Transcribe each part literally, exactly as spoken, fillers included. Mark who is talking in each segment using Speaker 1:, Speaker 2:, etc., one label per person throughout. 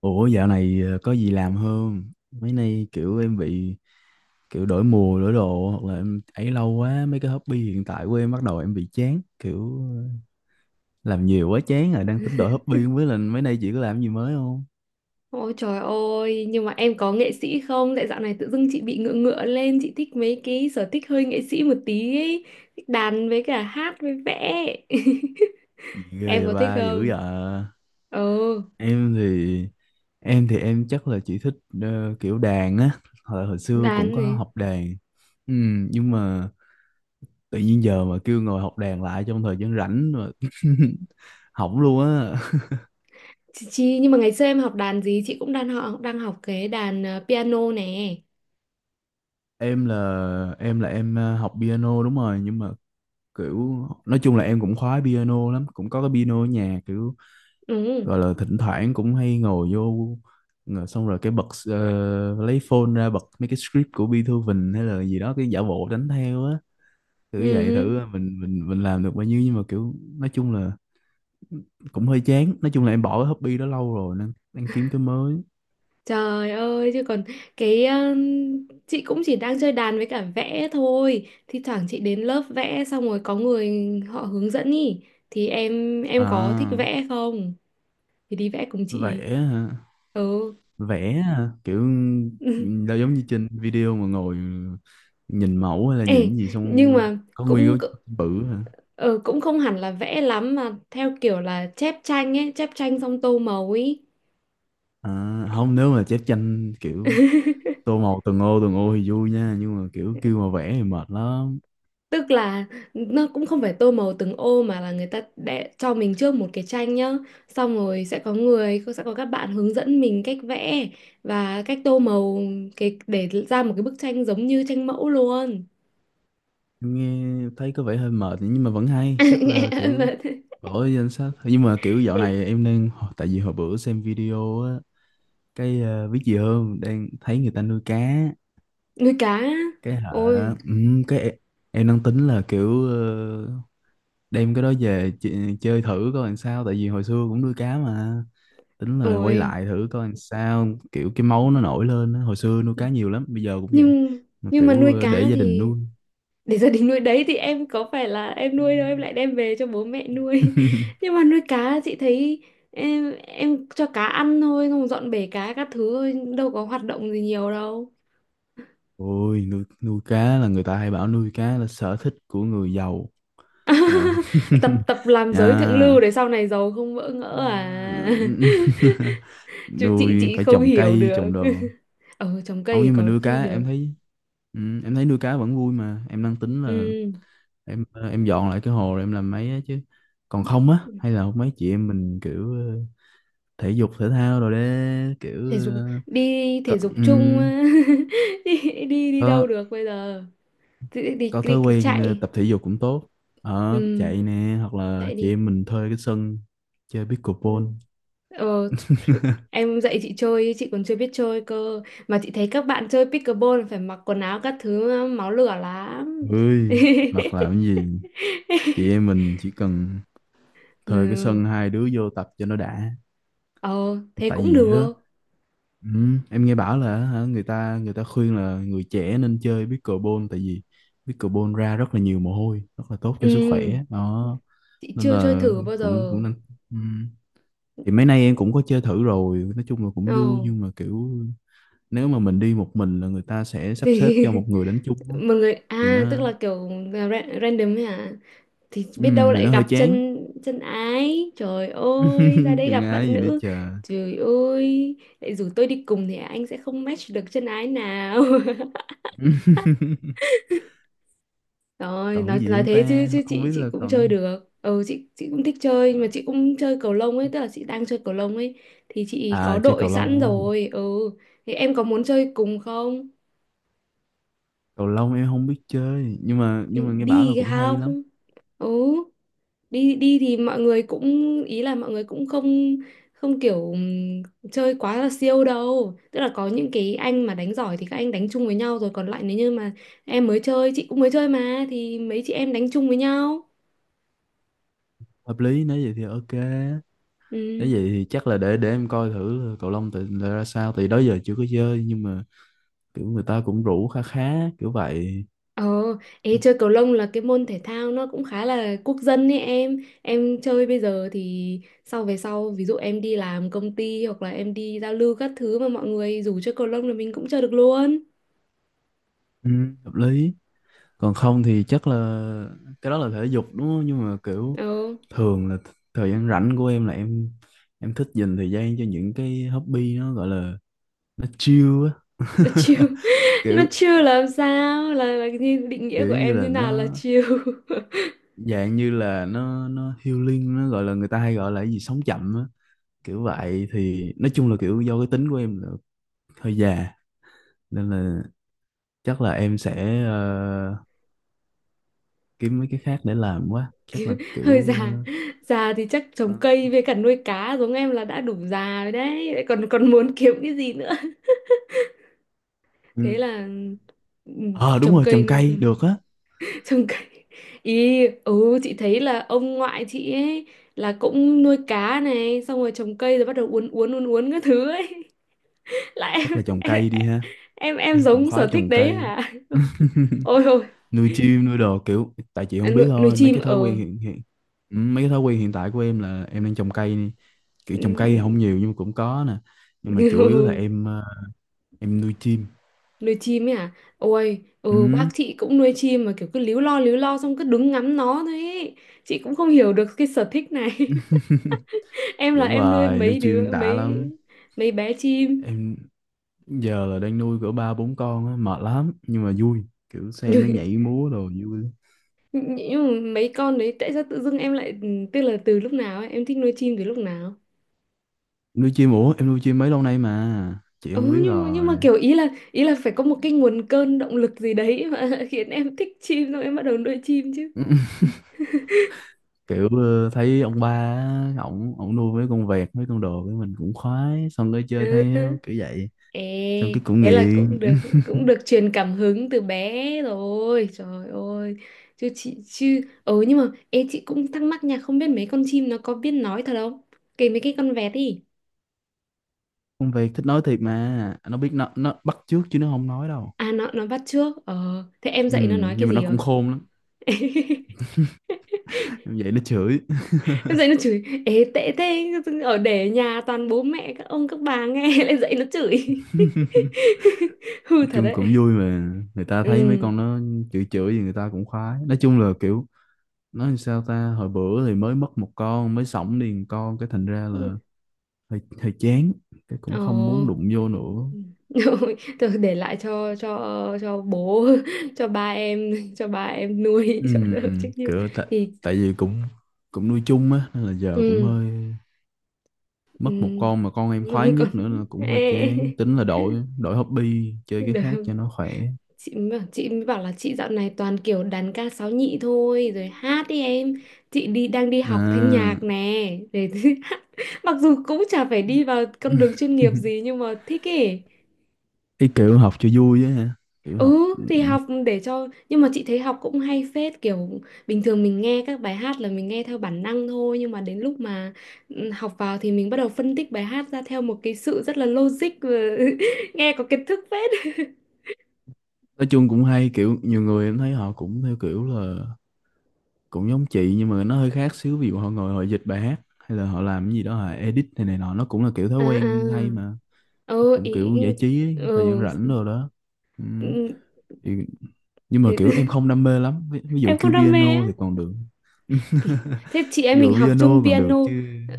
Speaker 1: Ủa, dạo này ờ, có gì làm không? Mấy nay kiểu em bị kiểu đổi mùa đổi đồ, hoặc là em ấy lâu quá mấy cái hobby hiện tại của em, bắt đầu em bị chán kiểu ờ, làm nhiều quá chán rồi, đang tính đổi hobby. Không biết là mấy nay chị có làm gì mới không?
Speaker 2: Ôi trời ơi, nhưng mà em có nghệ sĩ không? Tại dạo này tự dưng chị bị ngựa ngựa lên, chị thích mấy cái sở thích hơi nghệ sĩ một tí ấy. Thích đàn với cả hát với vẽ.
Speaker 1: Gì ghê
Speaker 2: Em
Speaker 1: vậy,
Speaker 2: có thích
Speaker 1: ba dữ
Speaker 2: không?
Speaker 1: vậy?
Speaker 2: Ừ,
Speaker 1: Em thì em thì em chắc là chỉ thích ờ, kiểu đàn á, hồi, hồi xưa cũng
Speaker 2: đàn
Speaker 1: có
Speaker 2: này.
Speaker 1: học đàn. Ừ, nhưng mà tự nhiên giờ mà kêu ngồi học đàn lại trong thời gian rảnh mà học luôn á.
Speaker 2: Chị, chị, nhưng mà ngày xưa em học đàn gì? Chị cũng đang học, đang học cái đàn ờ, piano nè.
Speaker 1: Em là em là em ờ, học piano đúng rồi, nhưng mà kiểu nói chung là em cũng khoái piano lắm, cũng có cái piano ở nhà, kiểu
Speaker 2: Ừ,
Speaker 1: gọi là thỉnh thoảng cũng hay ngồi vô, ngồi xong rồi cái bật ờ, lấy phone ra bật mấy cái script của Beethoven hay là gì đó, cái giả bộ đánh theo á,
Speaker 2: ừ.
Speaker 1: thử vậy
Speaker 2: Ừ.
Speaker 1: thử à, mình mình mình làm được bao nhiêu. Nhưng mà kiểu nói chung là cũng hơi chán, nói chung là em bỏ cái hobby đó lâu rồi nên đang kiếm cái mới.
Speaker 2: Trời ơi chứ còn cái um, chị cũng chỉ đang chơi đàn với cả vẽ thôi. Thi thoảng chị đến lớp vẽ xong rồi có người họ hướng dẫn ý thì em em có thích
Speaker 1: À,
Speaker 2: vẽ không? Thì đi vẽ cùng
Speaker 1: vẽ
Speaker 2: chị.
Speaker 1: hả?
Speaker 2: Ừ.
Speaker 1: Vẽ hả? Kiểu đâu giống như trên video mà ngồi nhìn mẫu hay là nhìn
Speaker 2: Ê,
Speaker 1: cái gì xong
Speaker 2: nhưng
Speaker 1: ờ,
Speaker 2: mà
Speaker 1: có
Speaker 2: cũng
Speaker 1: nguyên cái bự hả?
Speaker 2: ờ, cũng không hẳn là vẽ lắm mà theo kiểu là chép tranh ấy, chép tranh xong tô màu ấy.
Speaker 1: À, không, nếu mà chép tranh kiểu tô màu từng ô từng ô thì vui nha, nhưng mà kiểu kêu mà vẽ thì mệt lắm.
Speaker 2: Tức là nó cũng không phải tô màu từng ô mà là người ta để cho mình trước một cái tranh nhá. Xong rồi sẽ có người, sẽ có các bạn hướng dẫn mình cách vẽ và cách tô màu cái để ra một cái bức tranh giống như tranh mẫu luôn.
Speaker 1: Nghe thấy có vẻ hơi mệt nhưng mà vẫn hay, chắc là
Speaker 2: Nghe
Speaker 1: kiểu
Speaker 2: mà-
Speaker 1: bỏ vô danh sách. Nhưng mà kiểu dạo này em đang, tại vì hồi bữa xem video á, cái ờ, biết gì hơn, đang thấy người ta nuôi cá.
Speaker 2: Nuôi cá. Á.
Speaker 1: Cái hả?
Speaker 2: Ôi,
Speaker 1: Ừ, cái em em đang tính là kiểu ờ, đem cái đó về ch- chơi thử coi làm sao, tại vì hồi xưa cũng nuôi cá mà, tính là quay
Speaker 2: ôi.
Speaker 1: lại thử coi làm sao. Kiểu cái máu nó nổi lên á. Hồi xưa nuôi cá nhiều lắm, bây giờ cũng vậy,
Speaker 2: Nhưng
Speaker 1: mà
Speaker 2: nhưng mà
Speaker 1: kiểu
Speaker 2: nuôi
Speaker 1: ờ,
Speaker 2: cá
Speaker 1: để gia đình
Speaker 2: thì
Speaker 1: nuôi.
Speaker 2: để gia đình nuôi đấy thì em có phải là em nuôi đâu em lại đem về cho bố mẹ nuôi nhưng mà nuôi cá chị thấy em em cho cá ăn thôi không dọn bể cá các thứ thôi đâu có hoạt động gì nhiều đâu
Speaker 1: Ôi, nuôi nuôi cá là người ta hay bảo nuôi cá là sở thích của người giàu mà.
Speaker 2: tập tập làm giới thượng
Speaker 1: Nha.
Speaker 2: lưu để sau này giàu không vỡ ngỡ
Speaker 1: À.
Speaker 2: à. Chứ chị
Speaker 1: Nuôi
Speaker 2: chị
Speaker 1: phải
Speaker 2: không
Speaker 1: trồng
Speaker 2: hiểu
Speaker 1: cây
Speaker 2: được.
Speaker 1: trồng đồ.
Speaker 2: Ờ trồng cây
Speaker 1: Không,
Speaker 2: thì
Speaker 1: nhưng mà
Speaker 2: có
Speaker 1: nuôi
Speaker 2: khi
Speaker 1: cá
Speaker 2: được.
Speaker 1: em thấy, ừ, em thấy nuôi cá vẫn vui mà. Em đang tính là
Speaker 2: Ừ
Speaker 1: em ờ, em dọn lại cái hồ rồi em làm mấy á chứ. Còn không á, hay là mấy chị em mình kiểu ờ, thể dục thể thao rồi đấy, kiểu
Speaker 2: thể dục,
Speaker 1: ờ,
Speaker 2: đi
Speaker 1: có.
Speaker 2: thể dục chung.
Speaker 1: ừm,
Speaker 2: Đi đi đi đâu
Speaker 1: có
Speaker 2: được bây giờ. Đi đi,
Speaker 1: có thói
Speaker 2: đi
Speaker 1: quen ờ,
Speaker 2: chạy.
Speaker 1: tập thể dục cũng tốt, ở
Speaker 2: Ừ,
Speaker 1: chạy nè, hoặc là
Speaker 2: dạy
Speaker 1: chị
Speaker 2: đi.
Speaker 1: em mình thuê cái sân chơi
Speaker 2: Ừ.
Speaker 1: pickleball.
Speaker 2: ờ th- em dạy chị chơi chị còn chưa biết chơi cơ, mà chị thấy các bạn chơi pickleball phải mặc quần áo các thứ máu lửa lắm.
Speaker 1: Ơi, hoặc là cái gì, chị em mình chỉ cần thuê cái
Speaker 2: Ừ.
Speaker 1: sân, hai đứa vô tập cho nó đã.
Speaker 2: Ờ thế
Speaker 1: Tại
Speaker 2: cũng
Speaker 1: vì á,
Speaker 2: được.
Speaker 1: ừ, em nghe bảo là hả, người ta người ta khuyên là người trẻ nên chơi pickleball, tại vì pickleball ra rất là nhiều mồ hôi, rất là tốt cho
Speaker 2: Ừ
Speaker 1: sức khỏe đó.
Speaker 2: chị
Speaker 1: Nên
Speaker 2: chưa chơi
Speaker 1: là
Speaker 2: thử bao
Speaker 1: cũng
Speaker 2: giờ.
Speaker 1: cũng nên. Ừ. Thì mấy nay em cũng có chơi thử rồi, nói chung là cũng
Speaker 2: Ờ
Speaker 1: vui, nhưng mà kiểu nếu mà mình đi một mình là người ta sẽ sắp xếp
Speaker 2: thì
Speaker 1: cho một người đánh chung á,
Speaker 2: mọi người
Speaker 1: thì
Speaker 2: à tức
Speaker 1: nó,
Speaker 2: là kiểu ra- random ấy hả, thì
Speaker 1: ừ,
Speaker 2: biết đâu
Speaker 1: thì
Speaker 2: lại
Speaker 1: nó hơi
Speaker 2: gặp
Speaker 1: chán.
Speaker 2: chân chân ái, trời ơi ra đây
Speaker 1: Chừng
Speaker 2: gặp
Speaker 1: ai
Speaker 2: bạn
Speaker 1: gì nữa
Speaker 2: nữ,
Speaker 1: chờ.
Speaker 2: trời ơi lại rủ tôi đi cùng thì anh sẽ không match được chân ái nào. Rồi
Speaker 1: Còn
Speaker 2: nói
Speaker 1: gì
Speaker 2: nói
Speaker 1: không
Speaker 2: thế chứ
Speaker 1: ta,
Speaker 2: chứ
Speaker 1: không
Speaker 2: chị
Speaker 1: biết
Speaker 2: chị
Speaker 1: là
Speaker 2: cũng chơi
Speaker 1: còn.
Speaker 2: được, ừ, chị chị cũng thích chơi, nhưng mà chị cũng chơi cầu lông ấy, tức là chị đang chơi cầu lông ấy thì chị có
Speaker 1: À, chơi
Speaker 2: đội
Speaker 1: cầu
Speaker 2: sẵn
Speaker 1: lông,
Speaker 2: rồi, ừ, thì em có muốn chơi cùng không?
Speaker 1: cầu lông em không biết chơi, nhưng mà nhưng
Speaker 2: Đi
Speaker 1: mà nghe bảo là
Speaker 2: đi
Speaker 1: cũng hay lắm.
Speaker 2: không. Ừ đi đi, thì mọi người cũng, ý là mọi người cũng không không kiểu ừm, chơi quá là siêu đâu, tức là có những cái anh mà đánh giỏi thì các anh đánh chung với nhau rồi, còn lại nếu như mà em mới chơi chị cũng mới chơi mà, thì mấy chị em đánh chung với nhau.
Speaker 1: Hợp lý, nếu vậy thì ok. Nếu
Speaker 2: Ừ,
Speaker 1: vậy thì chắc là để để em coi thử là cầu lông tự là ra sao, thì đó giờ chưa có chơi nhưng mà kiểu người ta cũng rủ khá khá kiểu vậy.
Speaker 2: ờ, ê, chơi cầu lông là cái môn thể thao nó cũng khá là quốc dân ấy, em em chơi bây giờ thì sau về sau ví dụ em đi làm công ty hoặc là em đi giao lưu các thứ mà mọi người rủ chơi cầu lông là mình cũng chơi được luôn.
Speaker 1: Ừ, hợp lý. Còn không thì chắc là cái đó là thể dục đúng không, nhưng mà kiểu
Speaker 2: Ờ
Speaker 1: thường là th- thời gian rảnh của em là em em thích dành thời gian cho những cái hobby nó gọi là nó chill á.
Speaker 2: là chill. Nó
Speaker 1: Kiểu
Speaker 2: chill là làm sao, là là như định nghĩa của
Speaker 1: kiểu như
Speaker 2: em như
Speaker 1: là
Speaker 2: nào là
Speaker 1: nó,
Speaker 2: chill?
Speaker 1: dạng như là nó nó healing, nó gọi là người ta hay gọi là cái gì sống chậm á. Kiểu vậy thì nói chung là kiểu do cái tính của em là hơi già, nên là chắc là em sẽ ờ, kiếm mấy cái khác để làm quá, chắc là
Speaker 2: Hơi
Speaker 1: kiểu
Speaker 2: già. Già thì chắc
Speaker 1: ờ,
Speaker 2: trồng cây với cả nuôi cá giống em là đã đủ già rồi đấy, lại còn còn muốn kiếm cái gì nữa.
Speaker 1: ừ.
Speaker 2: Thế là ừ,
Speaker 1: Ờ, đúng
Speaker 2: trồng
Speaker 1: rồi,
Speaker 2: cây
Speaker 1: trồng
Speaker 2: nuôi
Speaker 1: cây được á.
Speaker 2: trồng cây, ý ừ chị thấy là ông ngoại chị ấy là cũng nuôi cá này xong rồi trồng cây rồi bắt đầu uốn uốn uốn uốn các thứ ấy. Lại
Speaker 1: Chắc là trồng
Speaker 2: em,
Speaker 1: cây đi
Speaker 2: em
Speaker 1: ha.
Speaker 2: em, em
Speaker 1: Em cũng
Speaker 2: giống
Speaker 1: khoái
Speaker 2: sở thích
Speaker 1: trồng
Speaker 2: đấy
Speaker 1: cây.
Speaker 2: hả? Ôi.
Speaker 1: Nuôi chim nuôi đồ kiểu, tại chị
Speaker 2: À,
Speaker 1: không
Speaker 2: nuôi,
Speaker 1: biết
Speaker 2: nuôi
Speaker 1: thôi, mấy
Speaker 2: chim
Speaker 1: cái thói
Speaker 2: ở,
Speaker 1: quen hiện hiện, ừ, mấy cái thói quen hiện tại của em là em đang trồng cây nè.
Speaker 2: ừ.
Speaker 1: Kiểu trồng cây thì không nhiều nhưng mà cũng có nè. Nhưng mà chủ yếu là em ờ, em nuôi chim.
Speaker 2: Nuôi chim ấy à, ôi ừ, bác
Speaker 1: Ừ,
Speaker 2: chị cũng nuôi chim mà kiểu cứ líu lo líu lo xong cứ đứng ngắm nó thôi ấy. Chị cũng không hiểu được cái sở thích này. Em là
Speaker 1: vẫn
Speaker 2: em nuôi
Speaker 1: hoài nuôi
Speaker 2: mấy
Speaker 1: chim
Speaker 2: đứa
Speaker 1: đã
Speaker 2: mấy
Speaker 1: lắm.
Speaker 2: mấy bé chim.
Speaker 1: Em giờ là đang nuôi cỡ ba bốn con á, mệt lắm nhưng mà vui. Kiểu xem nó
Speaker 2: nhưng
Speaker 1: nhảy múa đồ vui lắm.
Speaker 2: nhưng mà mấy con đấy tại sao tự dưng em lại ừ, tức là từ lúc nào ấy, em thích nuôi chim từ lúc nào?
Speaker 1: Nuôi chim, ủa em nuôi chim mấy lâu nay mà chị không biết
Speaker 2: Ừ, nhưng nhưng
Speaker 1: rồi.
Speaker 2: mà kiểu ý là ý là phải có một cái nguồn cơn động lực gì đấy mà khiến em thích chim xong em bắt đầu nuôi chim chứ.
Speaker 1: Kiểu ờ, thấy ông ba á, ổng ổng nuôi mấy con vẹt mấy con đồ với mình cũng khoái, xong cái chơi
Speaker 2: Ừ.
Speaker 1: theo kiểu vậy,
Speaker 2: Ê,
Speaker 1: xong cái cũng
Speaker 2: thế là
Speaker 1: nghiện.
Speaker 2: cũng được cũng được truyền cảm hứng từ bé rồi. Trời ơi. Chứ chị chứ ừ nhưng mà ê chị cũng thắc mắc nha, không biết mấy con chim nó có biết nói thật không? Kể mấy cái con vẹt đi.
Speaker 1: Con vẹt thích nói thiệt mà, nó biết, nó nó bắt chước chứ nó không nói đâu.
Speaker 2: À nó nó bắt trước. Ờ, thế em
Speaker 1: Ừ,
Speaker 2: dạy nó nói cái
Speaker 1: nhưng mà nó
Speaker 2: gì rồi?
Speaker 1: cũng khôn lắm. Vậy nó chửi.
Speaker 2: Em dạy nó chửi, ê tệ thế, ở để nhà toàn bố mẹ các ông các bà nghe lại dạy nó chửi. Hư
Speaker 1: Nói
Speaker 2: thật
Speaker 1: chung
Speaker 2: đấy.
Speaker 1: cũng vui mà, người ta thấy mấy
Speaker 2: Ừ.
Speaker 1: con nó chửi chửi thì người ta cũng khoái. Nói chung là kiểu nói làm sao ta, hồi bữa thì mới mất một con, mới sổng đi một con, cái thành ra là
Speaker 2: Ừ.
Speaker 1: hơi hơi chán, cái
Speaker 2: Ồ.
Speaker 1: cũng không muốn đụng vô nữa.
Speaker 2: Ừ. Thôi để lại cho cho cho bố, cho ba em, cho ba em nuôi,
Speaker 1: Ừ,
Speaker 2: cho đỡ trách nhiệm
Speaker 1: kiểu tại
Speaker 2: thì
Speaker 1: tại vì cũng cũng nuôi chung á nên là giờ cũng
Speaker 2: ừ,
Speaker 1: hơi,
Speaker 2: ừ.
Speaker 1: mất một con mà con em khoái
Speaker 2: Còn
Speaker 1: nhất nữa là cũng hơi
Speaker 2: ê.
Speaker 1: chán, tính là đổi đổi hobby chơi cái
Speaker 2: Được.
Speaker 1: khác cho nó khỏe.
Speaker 2: chị mới bảo, chị mới bảo là chị dạo này toàn kiểu đàn ca sáo nhị thôi rồi hát đi em, chị đi đang đi học thanh nhạc
Speaker 1: À,
Speaker 2: nè để hát. Mặc dù cũng chả phải đi vào con đường chuyên nghiệp gì nhưng mà thích ấy.
Speaker 1: cái kiểu học cho vui á hả, kiểu học
Speaker 2: Ừ thì học để cho, nhưng mà chị thấy học cũng hay phết, kiểu bình thường mình nghe các bài hát là mình nghe theo bản năng thôi, nhưng mà đến lúc mà ừ, học vào thì mình bắt đầu phân tích bài hát ra theo một cái sự rất là logic, và nghe có kiến thức phết.
Speaker 1: nói chung cũng hay. Kiểu nhiều người em thấy họ cũng theo kiểu là cũng giống chị, nhưng mà nó hơi khác xíu, ví dụ họ ngồi họ dịch bài hát, hay là họ làm cái gì đó họ edit này này nọ, nó cũng là kiểu
Speaker 2: À
Speaker 1: thói quen hay
Speaker 2: à.
Speaker 1: mà,
Speaker 2: Ừ,
Speaker 1: cũng
Speaker 2: ý,
Speaker 1: kiểu giải trí ấy, thời gian
Speaker 2: ừ,
Speaker 1: rảnh rồi đó. Ừ.
Speaker 2: ừ,
Speaker 1: Thì, nhưng mà kiểu em
Speaker 2: thế-
Speaker 1: không đam mê lắm, ví, ví dụ
Speaker 2: em
Speaker 1: kêu
Speaker 2: không đam mê á.
Speaker 1: piano thì còn được.
Speaker 2: Thế chị
Speaker 1: Ví
Speaker 2: em mình
Speaker 1: dụ
Speaker 2: học chung
Speaker 1: piano còn
Speaker 2: piano.
Speaker 1: được chứ.
Speaker 2: ờ,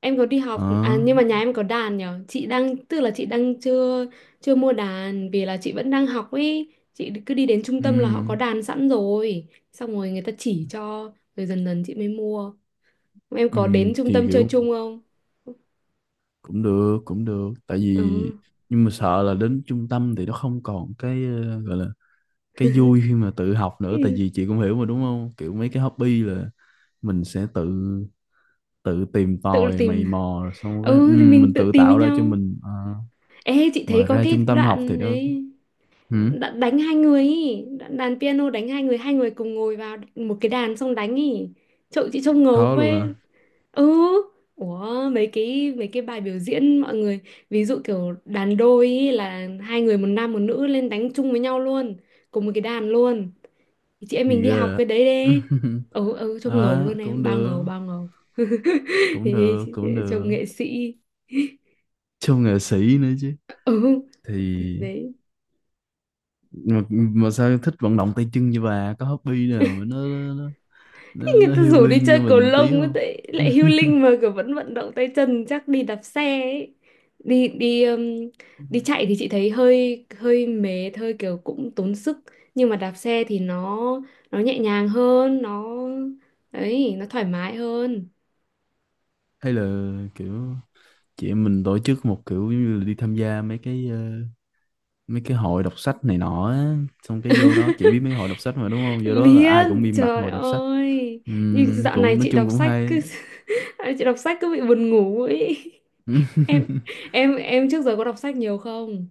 Speaker 2: em có đi học à,
Speaker 1: Ờ,
Speaker 2: nhưng mà nhà em có đàn nhở, chị đang tức là chị đang chưa chưa mua đàn vì là chị vẫn đang học ấy, chị cứ đi đến trung tâm là họ có
Speaker 1: ừ,
Speaker 2: đàn sẵn rồi xong rồi người ta chỉ cho rồi dần dần chị mới mua. Em
Speaker 1: ừ,
Speaker 2: có đến trung
Speaker 1: thì
Speaker 2: tâm chơi
Speaker 1: kiểu
Speaker 2: chung
Speaker 1: mình
Speaker 2: không?
Speaker 1: cũng được, cũng được, tại
Speaker 2: Ừ.
Speaker 1: vì nhưng mà sợ là đến trung tâm thì nó không còn cái ờ, gọi là cái vui khi mà tự học nữa. Tại
Speaker 2: Thì
Speaker 1: vì chị cũng hiểu mà đúng không, kiểu mấy cái hobby là mình sẽ tự tự tìm
Speaker 2: tự
Speaker 1: tòi
Speaker 2: tìm
Speaker 1: mày mò rồi xong cái, ừ,
Speaker 2: ừ thì mình
Speaker 1: mình
Speaker 2: tự
Speaker 1: tự
Speaker 2: tìm với
Speaker 1: tạo ra cho
Speaker 2: nhau.
Speaker 1: mình. Ờ,
Speaker 2: Ê chị thấy
Speaker 1: mà
Speaker 2: có
Speaker 1: ra
Speaker 2: cái
Speaker 1: trung tâm học thì
Speaker 2: đoạn
Speaker 1: đâu.
Speaker 2: đấy,
Speaker 1: Ừ,
Speaker 2: đã đánh hai người ý, Đã- đàn piano đánh hai người hai người cùng ngồi vào một cái đàn xong đánh ý, trông chị trông ngầu
Speaker 1: khó luôn
Speaker 2: với.
Speaker 1: hả?
Speaker 2: Ừ. Ủa, mấy cái mấy cái bài biểu diễn mọi người ví dụ kiểu đàn đôi ý là hai người một nam một nữ lên đánh chung với nhau luôn cùng một cái đàn luôn. Thì chị em mình
Speaker 1: Gì
Speaker 2: đi học
Speaker 1: cơ à?
Speaker 2: cái đấy đi. Ừ ừ trông ngầu
Speaker 1: Ờ,
Speaker 2: luôn, em
Speaker 1: cũng
Speaker 2: bao
Speaker 1: được,
Speaker 2: ngầu bao ngầu.
Speaker 1: cũng
Speaker 2: Thì
Speaker 1: được,
Speaker 2: chị- chị-
Speaker 1: cũng
Speaker 2: trông
Speaker 1: được,
Speaker 2: nghệ sĩ.
Speaker 1: siêu nghệ sĩ nữa chứ.
Speaker 2: Ừ
Speaker 1: Thì
Speaker 2: thì đấy,
Speaker 1: mà, mà sao thích vận động tay chân như bà, có hobby nào mà nó nó, nó, nó
Speaker 2: người
Speaker 1: nó
Speaker 2: ta rủ đi
Speaker 1: healing
Speaker 2: chơi
Speaker 1: cho
Speaker 2: cầu
Speaker 1: mình tí
Speaker 2: lông ấy,
Speaker 1: không?
Speaker 2: tại lại healing mà kiểu vẫn vận động tay chân, chắc đi đạp xe ấy. Đi đi um, Đi chạy thì chị thấy hơi hơi mệt, hơi kiểu cũng tốn sức, nhưng mà đạp xe thì nó nó nhẹ nhàng hơn, nó ấy, nó thoải mái hơn.
Speaker 1: Hay là kiểu chị em mình tổ chức một kiểu giống như là đi tham gia mấy cái ờ, mấy cái hội đọc sách này nọ á. Xong cái vô đó, chị biết mấy hội đọc sách mà đúng không, vô đó là
Speaker 2: Biết,
Speaker 1: ai cũng im bặt
Speaker 2: trời
Speaker 1: ngồi đọc sách.
Speaker 2: ơi, nhưng
Speaker 1: Ừm,
Speaker 2: dạo này
Speaker 1: cũng nói
Speaker 2: chị
Speaker 1: chung
Speaker 2: đọc
Speaker 1: cũng
Speaker 2: sách
Speaker 1: hay.
Speaker 2: cứ chị đọc sách cứ bị buồn ngủ ấy. em em em trước giờ có đọc sách nhiều không?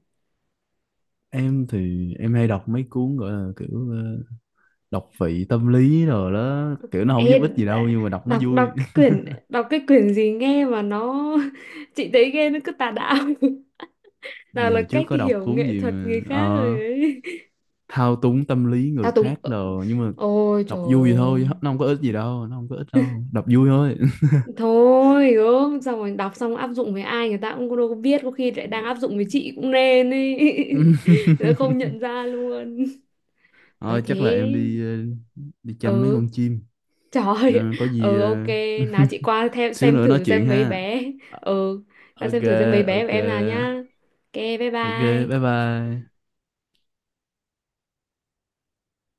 Speaker 1: Em thì em hay đọc mấy cuốn gọi là kiểu ờ, đọc vị tâm lý rồi đó, kiểu nó không
Speaker 2: Ê,
Speaker 1: giúp ích gì
Speaker 2: đã-
Speaker 1: đâu nhưng mà đọc nó
Speaker 2: đọc đọc
Speaker 1: vui.
Speaker 2: cái quyển đọc cái quyển gì nghe mà nó chị thấy nghe nó cứ tà đạo. Nào
Speaker 1: Vì
Speaker 2: là
Speaker 1: hồi trước
Speaker 2: cách
Speaker 1: có đọc
Speaker 2: hiểu
Speaker 1: cuốn
Speaker 2: nghệ
Speaker 1: gì
Speaker 2: thuật
Speaker 1: mà
Speaker 2: người khác rồi
Speaker 1: ờ,
Speaker 2: ấy,
Speaker 1: thao túng tâm lý người
Speaker 2: thao túng,
Speaker 1: khác rồi, nhưng mà
Speaker 2: ôi
Speaker 1: đọc
Speaker 2: trời
Speaker 1: vui vậy
Speaker 2: ơi,
Speaker 1: thôi, nó không có ích gì đâu, nó không có ích đâu, đọc vui thôi.
Speaker 2: thôi gớm, xong rồi đọc xong áp dụng với ai người ta cũng đâu có biết, có khi lại đang áp dụng với chị cũng nên ấy, nó không nhận ra luôn. Nói
Speaker 1: Thôi chắc là
Speaker 2: thế.
Speaker 1: em đi ờ, đi chăm mấy
Speaker 2: Ừ
Speaker 1: con chim.
Speaker 2: trời
Speaker 1: Ờ,
Speaker 2: ơi,
Speaker 1: có gì
Speaker 2: ừ ok,
Speaker 1: ờ,
Speaker 2: nào chị qua theo
Speaker 1: xíu
Speaker 2: xem
Speaker 1: nữa nói
Speaker 2: thử
Speaker 1: chuyện
Speaker 2: xem mấy
Speaker 1: ha.
Speaker 2: bé.
Speaker 1: Ờ,
Speaker 2: Ừ, qua
Speaker 1: ok,
Speaker 2: xem thử xem mấy bé của
Speaker 1: ok,
Speaker 2: em nào nhá. Ok, bye
Speaker 1: ok, bye
Speaker 2: bye.
Speaker 1: bye.